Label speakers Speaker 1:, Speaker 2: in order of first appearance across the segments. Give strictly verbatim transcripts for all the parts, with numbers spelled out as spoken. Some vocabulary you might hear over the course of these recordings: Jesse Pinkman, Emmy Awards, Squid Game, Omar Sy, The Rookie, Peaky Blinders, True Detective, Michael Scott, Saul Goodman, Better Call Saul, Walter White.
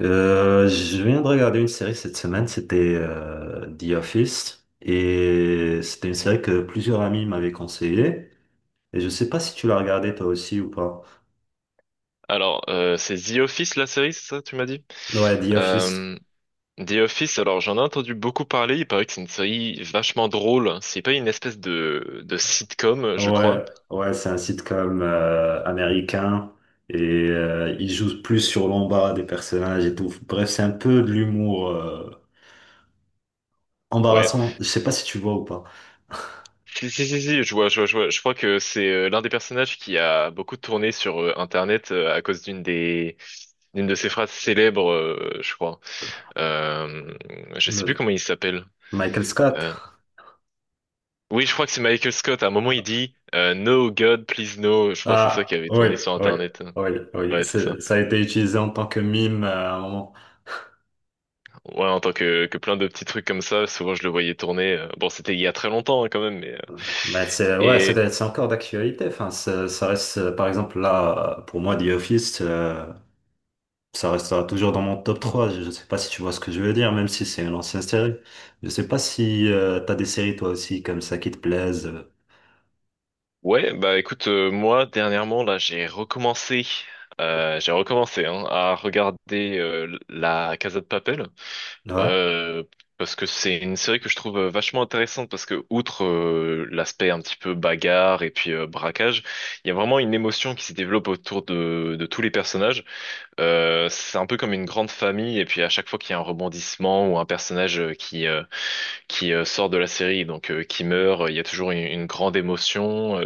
Speaker 1: Euh, je viens de regarder une série cette semaine, c'était euh, The Office, et c'était une série que plusieurs amis m'avaient conseillé, et je sais pas si tu l'as regardée toi aussi ou pas.
Speaker 2: Alors, euh, c'est The Office, la série, c'est ça, tu m'as dit?
Speaker 1: Ouais, The Office.
Speaker 2: Euh, The Office, alors j'en ai entendu beaucoup parler, il paraît que c'est une série vachement drôle. C'est pas une espèce de, de sitcom, je crois.
Speaker 1: Ouais, ouais, c'est un sitcom euh, américain, et euh, il joue plus sur l'embarras des personnages et tout. Bref, c'est un peu de l'humour euh,
Speaker 2: Ouais.
Speaker 1: embarrassant. Je sais pas si tu vois ou pas.
Speaker 2: Si, si, si, si, je vois, je vois, je vois. Je crois que c'est euh, l'un des personnages qui a beaucoup tourné sur euh, Internet euh, à cause d'une des, d'une de ses phrases célèbres, euh, je crois. Euh, je sais plus
Speaker 1: Le-
Speaker 2: comment il s'appelle.
Speaker 1: Michael Scott.
Speaker 2: Euh, oui, je crois que c'est Michael Scott. À un moment, il dit euh, No God, please no. Je crois que c'est ça qui
Speaker 1: Ah,
Speaker 2: avait
Speaker 1: oui,
Speaker 2: tourné sur
Speaker 1: oui,
Speaker 2: Internet.
Speaker 1: oui, oui.
Speaker 2: Ouais, c'est ça.
Speaker 1: C'est- Ça a été utilisé en tant que mime euh, à un moment.
Speaker 2: Ouais, en tant que, que plein de petits trucs comme ça, souvent je le voyais tourner. euh, Bon, c'était il y a très longtemps hein, quand même, mais... euh,
Speaker 1: Mais c'est, ouais,
Speaker 2: et
Speaker 1: c'est c'est encore d'actualité. Enfin, ça ça reste, euh, par exemple, là, euh, pour moi, The Office, euh, ça restera toujours dans mon top trois. Je ne sais pas si tu vois ce que je veux dire, même si c'est une ancienne série. Je sais pas si tu t'as des séries, toi aussi, comme ça, qui te plaisent. euh.
Speaker 2: ouais, bah écoute, euh, moi, dernièrement, là, j'ai recommencé, euh, j'ai recommencé hein, à regarder euh, la Casa de Papel,
Speaker 1: Ouais,
Speaker 2: euh, parce que c'est une série que je trouve euh, vachement intéressante, parce que outre euh, l'aspect un petit peu bagarre et puis euh, braquage, il y a vraiment une émotion qui se développe autour de, de tous les personnages. Euh, c'est un peu comme une grande famille, et puis à chaque fois qu'il y a un rebondissement ou un personnage euh, qui euh, qui euh, sort de la série, donc euh, qui meurt, euh, il y a toujours une, une grande émotion. euh.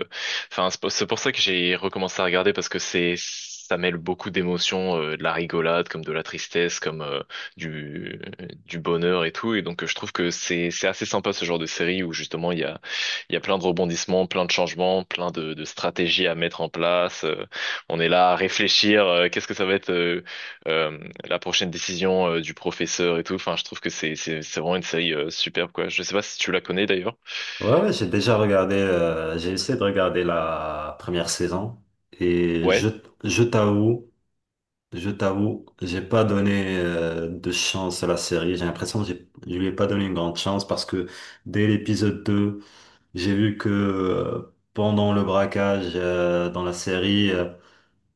Speaker 2: Enfin, c'est pour c'est pour ça que j'ai recommencé à regarder parce que c'est ça mêle beaucoup d'émotions, euh, de la rigolade, comme de la tristesse, comme euh, du du bonheur et tout. Et donc euh, je trouve que c'est c'est assez sympa ce genre de série où justement il y a il y a plein de rebondissements, plein de changements, plein de de stratégies à mettre en place. euh, on est là à réfléchir, euh, qu'est-ce que ça va être. euh, euh, la prochaine décision euh, du professeur et tout. Enfin, je trouve que c'est c'est c'est vraiment une série euh, superbe quoi. Je sais pas si tu la connais d'ailleurs.
Speaker 1: ouais, ouais, j'ai déjà regardé, euh, j'ai essayé de regarder la première saison. Et je,
Speaker 2: Ouais.
Speaker 1: je t'avoue, Je t'avoue, j'ai pas donné euh, de chance à la série. J'ai l'impression que j'ai- je lui ai pas donné une grande chance parce que dès l'épisode deux, j'ai vu que euh, pendant le braquage euh, dans la série, euh,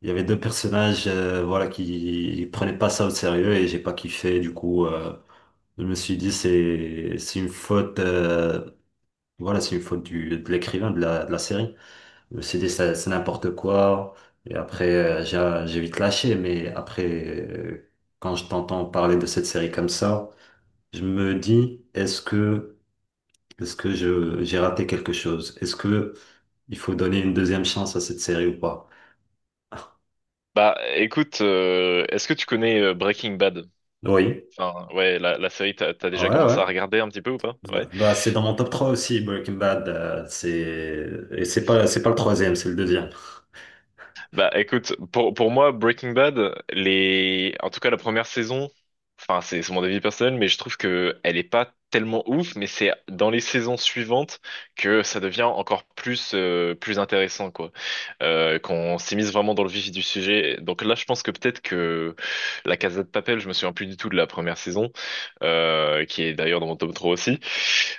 Speaker 1: il y avait deux personnages euh, voilà qui prenaient pas ça au sérieux et j'ai pas kiffé. Du coup, euh, je me suis dit c'est c'est une faute euh, voilà c'est une faute du, de l'écrivain de la, de la série. Le C D, ça- c'est n'importe quoi. Et après, euh, j'ai j'ai vite lâché. Mais après, euh, quand je t'entends parler de cette série comme ça, je me dis, est-ce que, est-ce que je, j'ai raté quelque chose? Est-ce que il faut donner une deuxième chance à cette série ou pas?
Speaker 2: Bah écoute, euh, est-ce que tu connais euh, Breaking Bad?
Speaker 1: Oui.
Speaker 2: Enfin, ouais, la, la série, t'as t'as
Speaker 1: Ah,
Speaker 2: déjà
Speaker 1: ouais,
Speaker 2: commencé à
Speaker 1: ouais.
Speaker 2: regarder un petit peu ou pas? Ouais.
Speaker 1: Bah, c'est dans mon top trois aussi, Breaking Bad. Euh, c'est, et c'est pas, c'est pas le troisième, c'est le deuxième.
Speaker 2: Bah écoute, pour, pour moi, Breaking Bad, les... en tout cas la première saison, enfin c'est c'est mon avis personnel, mais je trouve que elle est pas tellement ouf, mais c'est dans les saisons suivantes que ça devient encore plus, euh, plus intéressant, quoi. Euh, qu'on s'immisce vraiment dans le vif du sujet. Donc là, je pense que peut-être que La Casa de Papel, je me souviens plus du tout de la première saison, euh, qui est d'ailleurs dans mon tome trois aussi.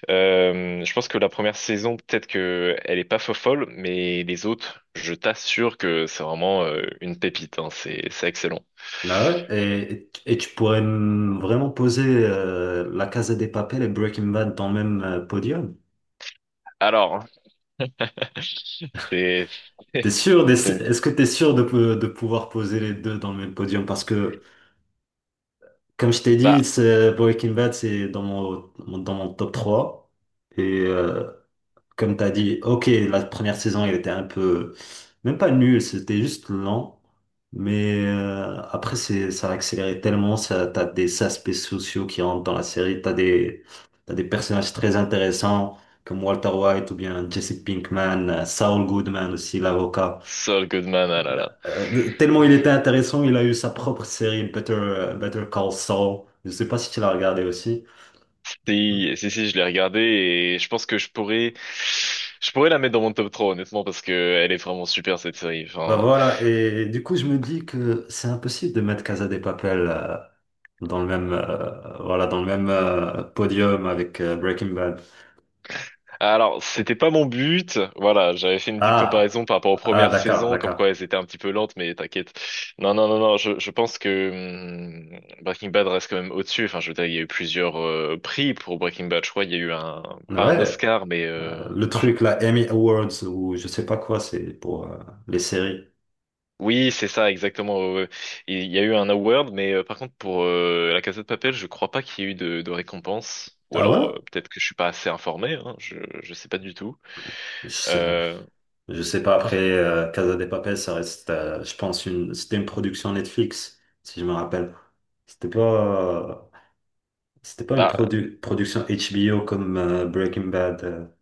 Speaker 2: Euh, je pense que la première saison, peut-être que elle est pas folle, mais les autres, je t'assure que c'est vraiment euh, une pépite, hein, c'est c'est excellent.
Speaker 1: Là, ouais. et, et tu pourrais me- vraiment poser euh, La Casa des Papel et Breaking Bad dans le même euh, podium?
Speaker 2: Alors, c'est
Speaker 1: T'es sûr, d'ess- est-ce que t'es sûr de, pou- de pouvoir poser les deux dans le même podium? Parce que, comme je t'ai dit,
Speaker 2: bah
Speaker 1: c'est- Breaking Bad, c'est dans mon, mon- dans mon top trois. Et euh, comme tu as dit, ok, la première saison, il était un peu, même pas nul, c'était juste lent. Mais euh, après, c'est, ça a accéléré tellement, ça, t'as des aspects sociaux qui rentrent dans la série, t'as des, t'as des personnages très intéressants comme Walter White ou bien Jesse Pinkman, euh, Saul Goodman aussi, l'avocat.
Speaker 2: Saul Goodman, ah là là.
Speaker 1: Euh, tellement il était intéressant, il a eu sa propre série, Better, Better Call Saul. Je sais pas si tu l'as regardé aussi.
Speaker 2: Si si si, je l'ai regardé et je pense que je pourrais je pourrais la mettre dans mon top trois honnêtement parce que elle est vraiment super cette série.
Speaker 1: Bah
Speaker 2: Enfin,
Speaker 1: voilà, et du coup, je me dis que c'est impossible de mettre Casa de Papel euh, dans le même, euh, voilà, dans le même euh, podium avec euh, Breaking Bad.
Speaker 2: alors, c'était pas mon but. Voilà, j'avais fait une petite
Speaker 1: Ah,
Speaker 2: comparaison par rapport aux
Speaker 1: ah,
Speaker 2: premières
Speaker 1: d'accord,
Speaker 2: saisons, comme quoi
Speaker 1: d'accord.
Speaker 2: elles étaient un petit peu lentes, mais t'inquiète. Non, non, non, non, je, je pense que hum, Breaking Bad reste quand même au-dessus. Enfin, je veux dire, il y a eu plusieurs euh, prix pour Breaking Bad. Je crois qu'il y a eu un, pas un
Speaker 1: Ouais,
Speaker 2: Oscar, mais
Speaker 1: euh,
Speaker 2: euh,
Speaker 1: le
Speaker 2: je-
Speaker 1: truc, là, Emmy Awards ou je sais pas quoi, c'est pour euh, les séries.
Speaker 2: oui, c'est ça, exactement. Ouais, ouais. Il y a eu un award, mais euh, par contre, pour euh, La Casa de Papel, je crois pas qu'il y ait eu de, de récompense. Ou
Speaker 1: Ah ouais?
Speaker 2: alors, euh, peut-être que je suis pas assez informé, hein, je, je sais pas du tout.
Speaker 1: Je sais,
Speaker 2: Euh,
Speaker 1: je sais pas, après, euh, Casa de Papel, ça reste, euh, je pense, une, c'était une production Netflix, si je me rappelle. C'était pas, euh, c'était pas une
Speaker 2: bah,
Speaker 1: produ- production H B O comme euh, Breaking Bad.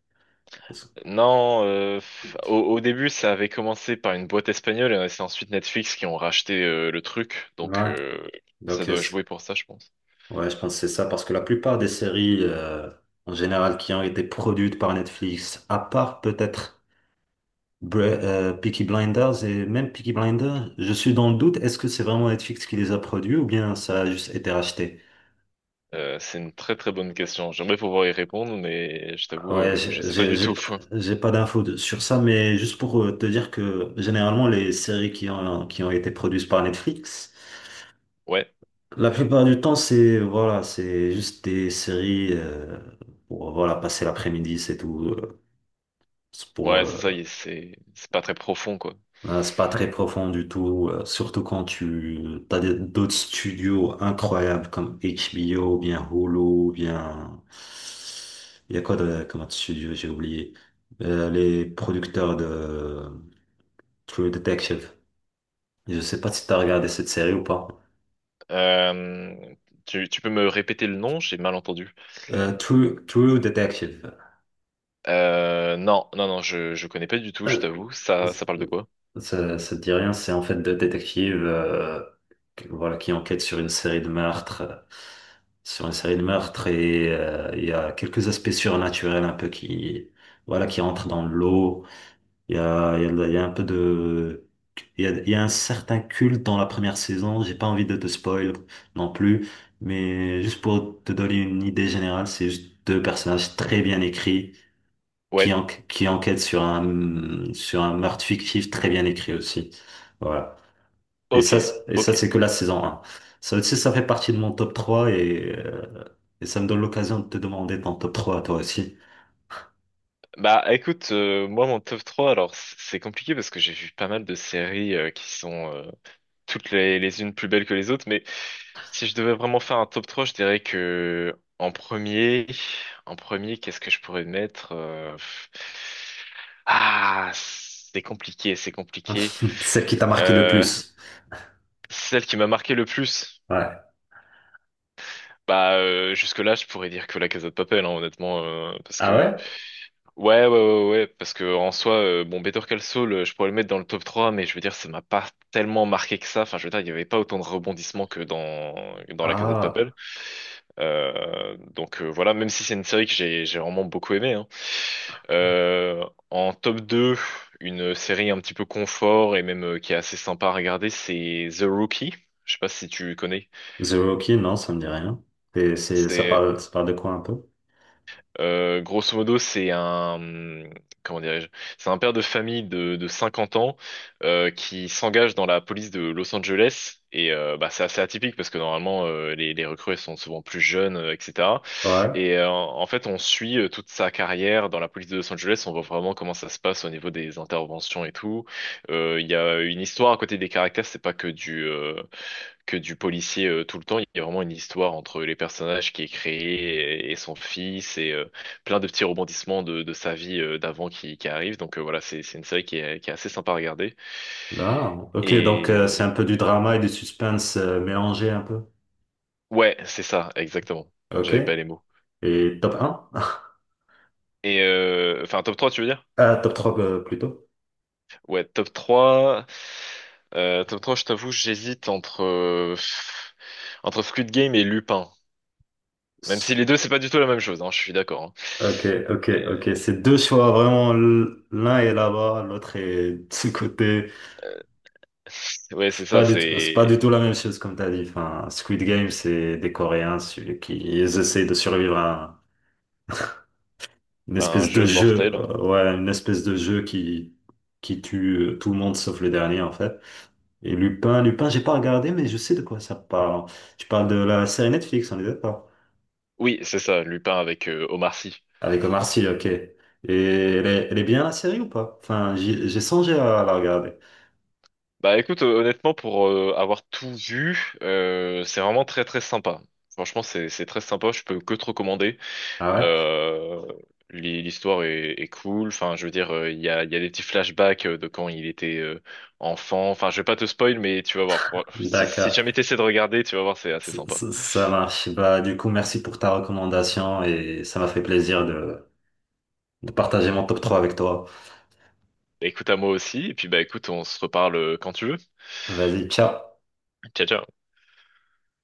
Speaker 1: euh,
Speaker 2: Non, euh, f- au, au début, ça avait commencé par une boîte espagnole et c'est ensuite Netflix qui ont racheté euh, le truc. Donc,
Speaker 1: Ouais,
Speaker 2: euh, ça
Speaker 1: donc euh,
Speaker 2: doit
Speaker 1: c-
Speaker 2: jouer pour ça, je pense.
Speaker 1: ouais, je pense que c'est ça, parce que la plupart des séries euh, en général qui ont été produites par Netflix, à part peut-être Bre- euh, Peaky Blinders. Et même Peaky Blinders, je suis dans le doute, est-ce que c'est vraiment Netflix qui les a produits ou bien ça a juste été racheté?
Speaker 2: Euh, c'est une très très bonne question. J'aimerais pouvoir y répondre, mais je t'avoue,
Speaker 1: Ouais,
Speaker 2: euh, je
Speaker 1: j'ai
Speaker 2: sais pas
Speaker 1: j'ai
Speaker 2: du tout.
Speaker 1: j'ai j'ai pas d'infos de- sur ça, mais juste pour euh, te dire que généralement les séries qui ont qui ont été produites par Netflix,
Speaker 2: Ouais,
Speaker 1: la plupart du temps, c'est voilà, c'est juste des séries euh, pour voilà passer l'après-midi, c'est tout. Euh, C'est pour
Speaker 2: ouais, c'est ça. il-
Speaker 1: euh,
Speaker 2: C'est c'est pas très profond, quoi.
Speaker 1: euh, c'est pas très profond du tout, euh, surtout quand tu t'as des- d'autres studios incroyables comme H B O, ou bien Hulu, bien il y a quoi de comme autre studio, j'ai oublié. Euh, les producteurs de True Detective. Je sais pas si t'as regardé cette série ou pas.
Speaker 2: Euh, tu, tu peux me répéter le nom? J'ai mal entendu.
Speaker 1: Euh, True True Detective.
Speaker 2: Euh, non, non, non, je, je connais pas du tout, je t'avoue.
Speaker 1: Euh,
Speaker 2: Ça, ça parle de quoi?
Speaker 1: Ça, ça te dit rien, c'est en fait deux détectives euh, que- voilà, qui enquêtent sur une série de meurtres, euh, sur une série de meurtres et euh, il y a quelques aspects surnaturels un peu qui, voilà, qui rentrent dans l'eau. Il y a, il y a, de- il y a un peu de... Il y a, il y a un certain culte dans la première saison, j'ai pas envie de te spoil non plus, mais juste pour te donner une idée générale, c'est juste deux personnages très bien écrits qui,
Speaker 2: Ouais,
Speaker 1: en- qui enquête sur un, sur un meurtre fictif très bien écrit aussi. Voilà. Et
Speaker 2: ok,
Speaker 1: ça, c'est- et
Speaker 2: ok.
Speaker 1: ça, c'est que la saison un. Ça aussi, ça fait partie de mon top trois et, euh, et ça me donne l'occasion de te demander ton top trois à toi aussi.
Speaker 2: Bah écoute, euh, moi mon top trois, alors c- c'est compliqué parce que j'ai vu pas mal de séries euh, qui sont, euh, toutes les, les unes plus belles que les autres, mais si je devais vraiment faire un top trois, je dirais que en premier, en premier, qu'est-ce que je pourrais mettre? Euh, pff. Ah, c'est compliqué, c'est compliqué.
Speaker 1: Celle qui t'a marqué le
Speaker 2: Euh,
Speaker 1: plus.
Speaker 2: celle qui m'a marqué le plus.
Speaker 1: Ouais.
Speaker 2: Bah euh, jusque-là, je pourrais dire que la Casa de Papel, hein, honnêtement, euh, parce
Speaker 1: Ah
Speaker 2: que
Speaker 1: ouais?
Speaker 2: ouais, ouais, ouais, ouais, parce que en soi, euh, bon, Better Call Saul, euh, je pourrais le mettre dans le top trois, mais je veux dire, ça m'a pas tellement marqué que ça. Enfin, je veux dire, il y avait pas autant de rebondissements que dans que dans la Casa de
Speaker 1: Ah,
Speaker 2: Papel. Euh, donc euh, voilà, même si c'est une série que j'ai j'ai vraiment beaucoup aimé hein. Euh, en top deux une série un petit peu confort et même euh, qui est assez sympa à regarder, c'est The Rookie. Je sais pas si tu connais.
Speaker 1: The Rookie, non, ça me dit rien. Et c'est, ça parle, ça parle de quoi un peu?
Speaker 2: Euh, grosso modo, c'est un, comment dirais-je, c'est un père de famille de, de cinquante ans euh, qui s'engage dans la police de Los Angeles. Et euh, bah, c'est assez atypique parce que normalement, euh, les, les recrues elles sont souvent plus jeunes, euh, et cetera.
Speaker 1: Ouais.
Speaker 2: Et euh, en fait, on suit euh, toute sa carrière dans la police de Los Angeles. On voit vraiment comment ça se passe au niveau des interventions et tout. Euh, Il y a une histoire à côté des caractères. C'est pas que du, euh, que du policier euh, tout le temps. Il y a vraiment une histoire entre les personnages qui est créée et, et son fils et euh, plein de petits rebondissements de, de sa vie euh, d'avant qui, qui arrivent. Donc euh, voilà, c'est c'est une série qui est, qui est assez sympa à regarder.
Speaker 1: Ah, ok, donc euh, c'est un
Speaker 2: Et
Speaker 1: peu du drama et du suspense euh, mélangé un peu.
Speaker 2: ouais, c'est ça, exactement.
Speaker 1: Ok.
Speaker 2: J'avais pas les mots.
Speaker 1: Et top un.
Speaker 2: Et euh, enfin, top trois, tu veux dire?
Speaker 1: Ah, top trois euh, plutôt.
Speaker 2: Ouais, top trois. Euh, top trois. Je t'avoue, j'hésite entre, euh, pff, entre Squid Game et Lupin. Même si les deux, c'est pas du tout la même chose, hein, je suis d'accord. hein.
Speaker 1: Ok, ok, ok.
Speaker 2: Euh,
Speaker 1: c'est deux choix vraiment. l- L'un est là-bas, l'autre est de ce côté.
Speaker 2: C'est- Ouais, c'est
Speaker 1: C'est pas
Speaker 2: ça,
Speaker 1: du tout, c'est pas du
Speaker 2: c'est
Speaker 1: tout la même chose comme t'as dit. Enfin, Squid Game, c'est des Coréens celui qui ils essayent de survivre à une
Speaker 2: un
Speaker 1: espèce de
Speaker 2: jeu
Speaker 1: jeu,
Speaker 2: mortel.
Speaker 1: euh, ouais, une espèce de jeu qui qui tue euh, tout le monde sauf le dernier en fait. Et Lupin, Lupin, j'ai pas regardé, mais je sais de quoi ça parle. Tu parles de la série Netflix, on est d'accord?
Speaker 2: Oui, c'est ça, Lupin avec euh, Omar Sy.
Speaker 1: Avec Omar Sy, ok. Et elle est, elle est bien la série ou pas? Enfin, j'y- j'ai songé à la regarder.
Speaker 2: Bah écoute, euh, honnêtement, pour euh, avoir tout vu, euh, c'est vraiment très très sympa. Franchement, c'est c'est très sympa, je peux que te recommander.
Speaker 1: Ah
Speaker 2: Euh, l'hi- l'histoire est, est cool, enfin je veux dire, euh, il y a, il y a des petits flashbacks euh, de quand il était euh, enfant. Enfin, je vais pas te spoil, mais tu vas voir. Fran-
Speaker 1: ouais?
Speaker 2: Si, si
Speaker 1: D'accord.
Speaker 2: jamais t'essaies de regarder, tu vas voir, c'est assez
Speaker 1: Ça,
Speaker 2: sympa.
Speaker 1: ça- ça marche. Bah, du coup, merci pour ta recommandation et ça m'a fait plaisir de, de partager mon top trois avec toi.
Speaker 2: Bah, écoute à moi aussi, et puis bah écoute, on se reparle euh, quand tu veux.
Speaker 1: Vas-y, ciao.
Speaker 2: Ciao, ciao.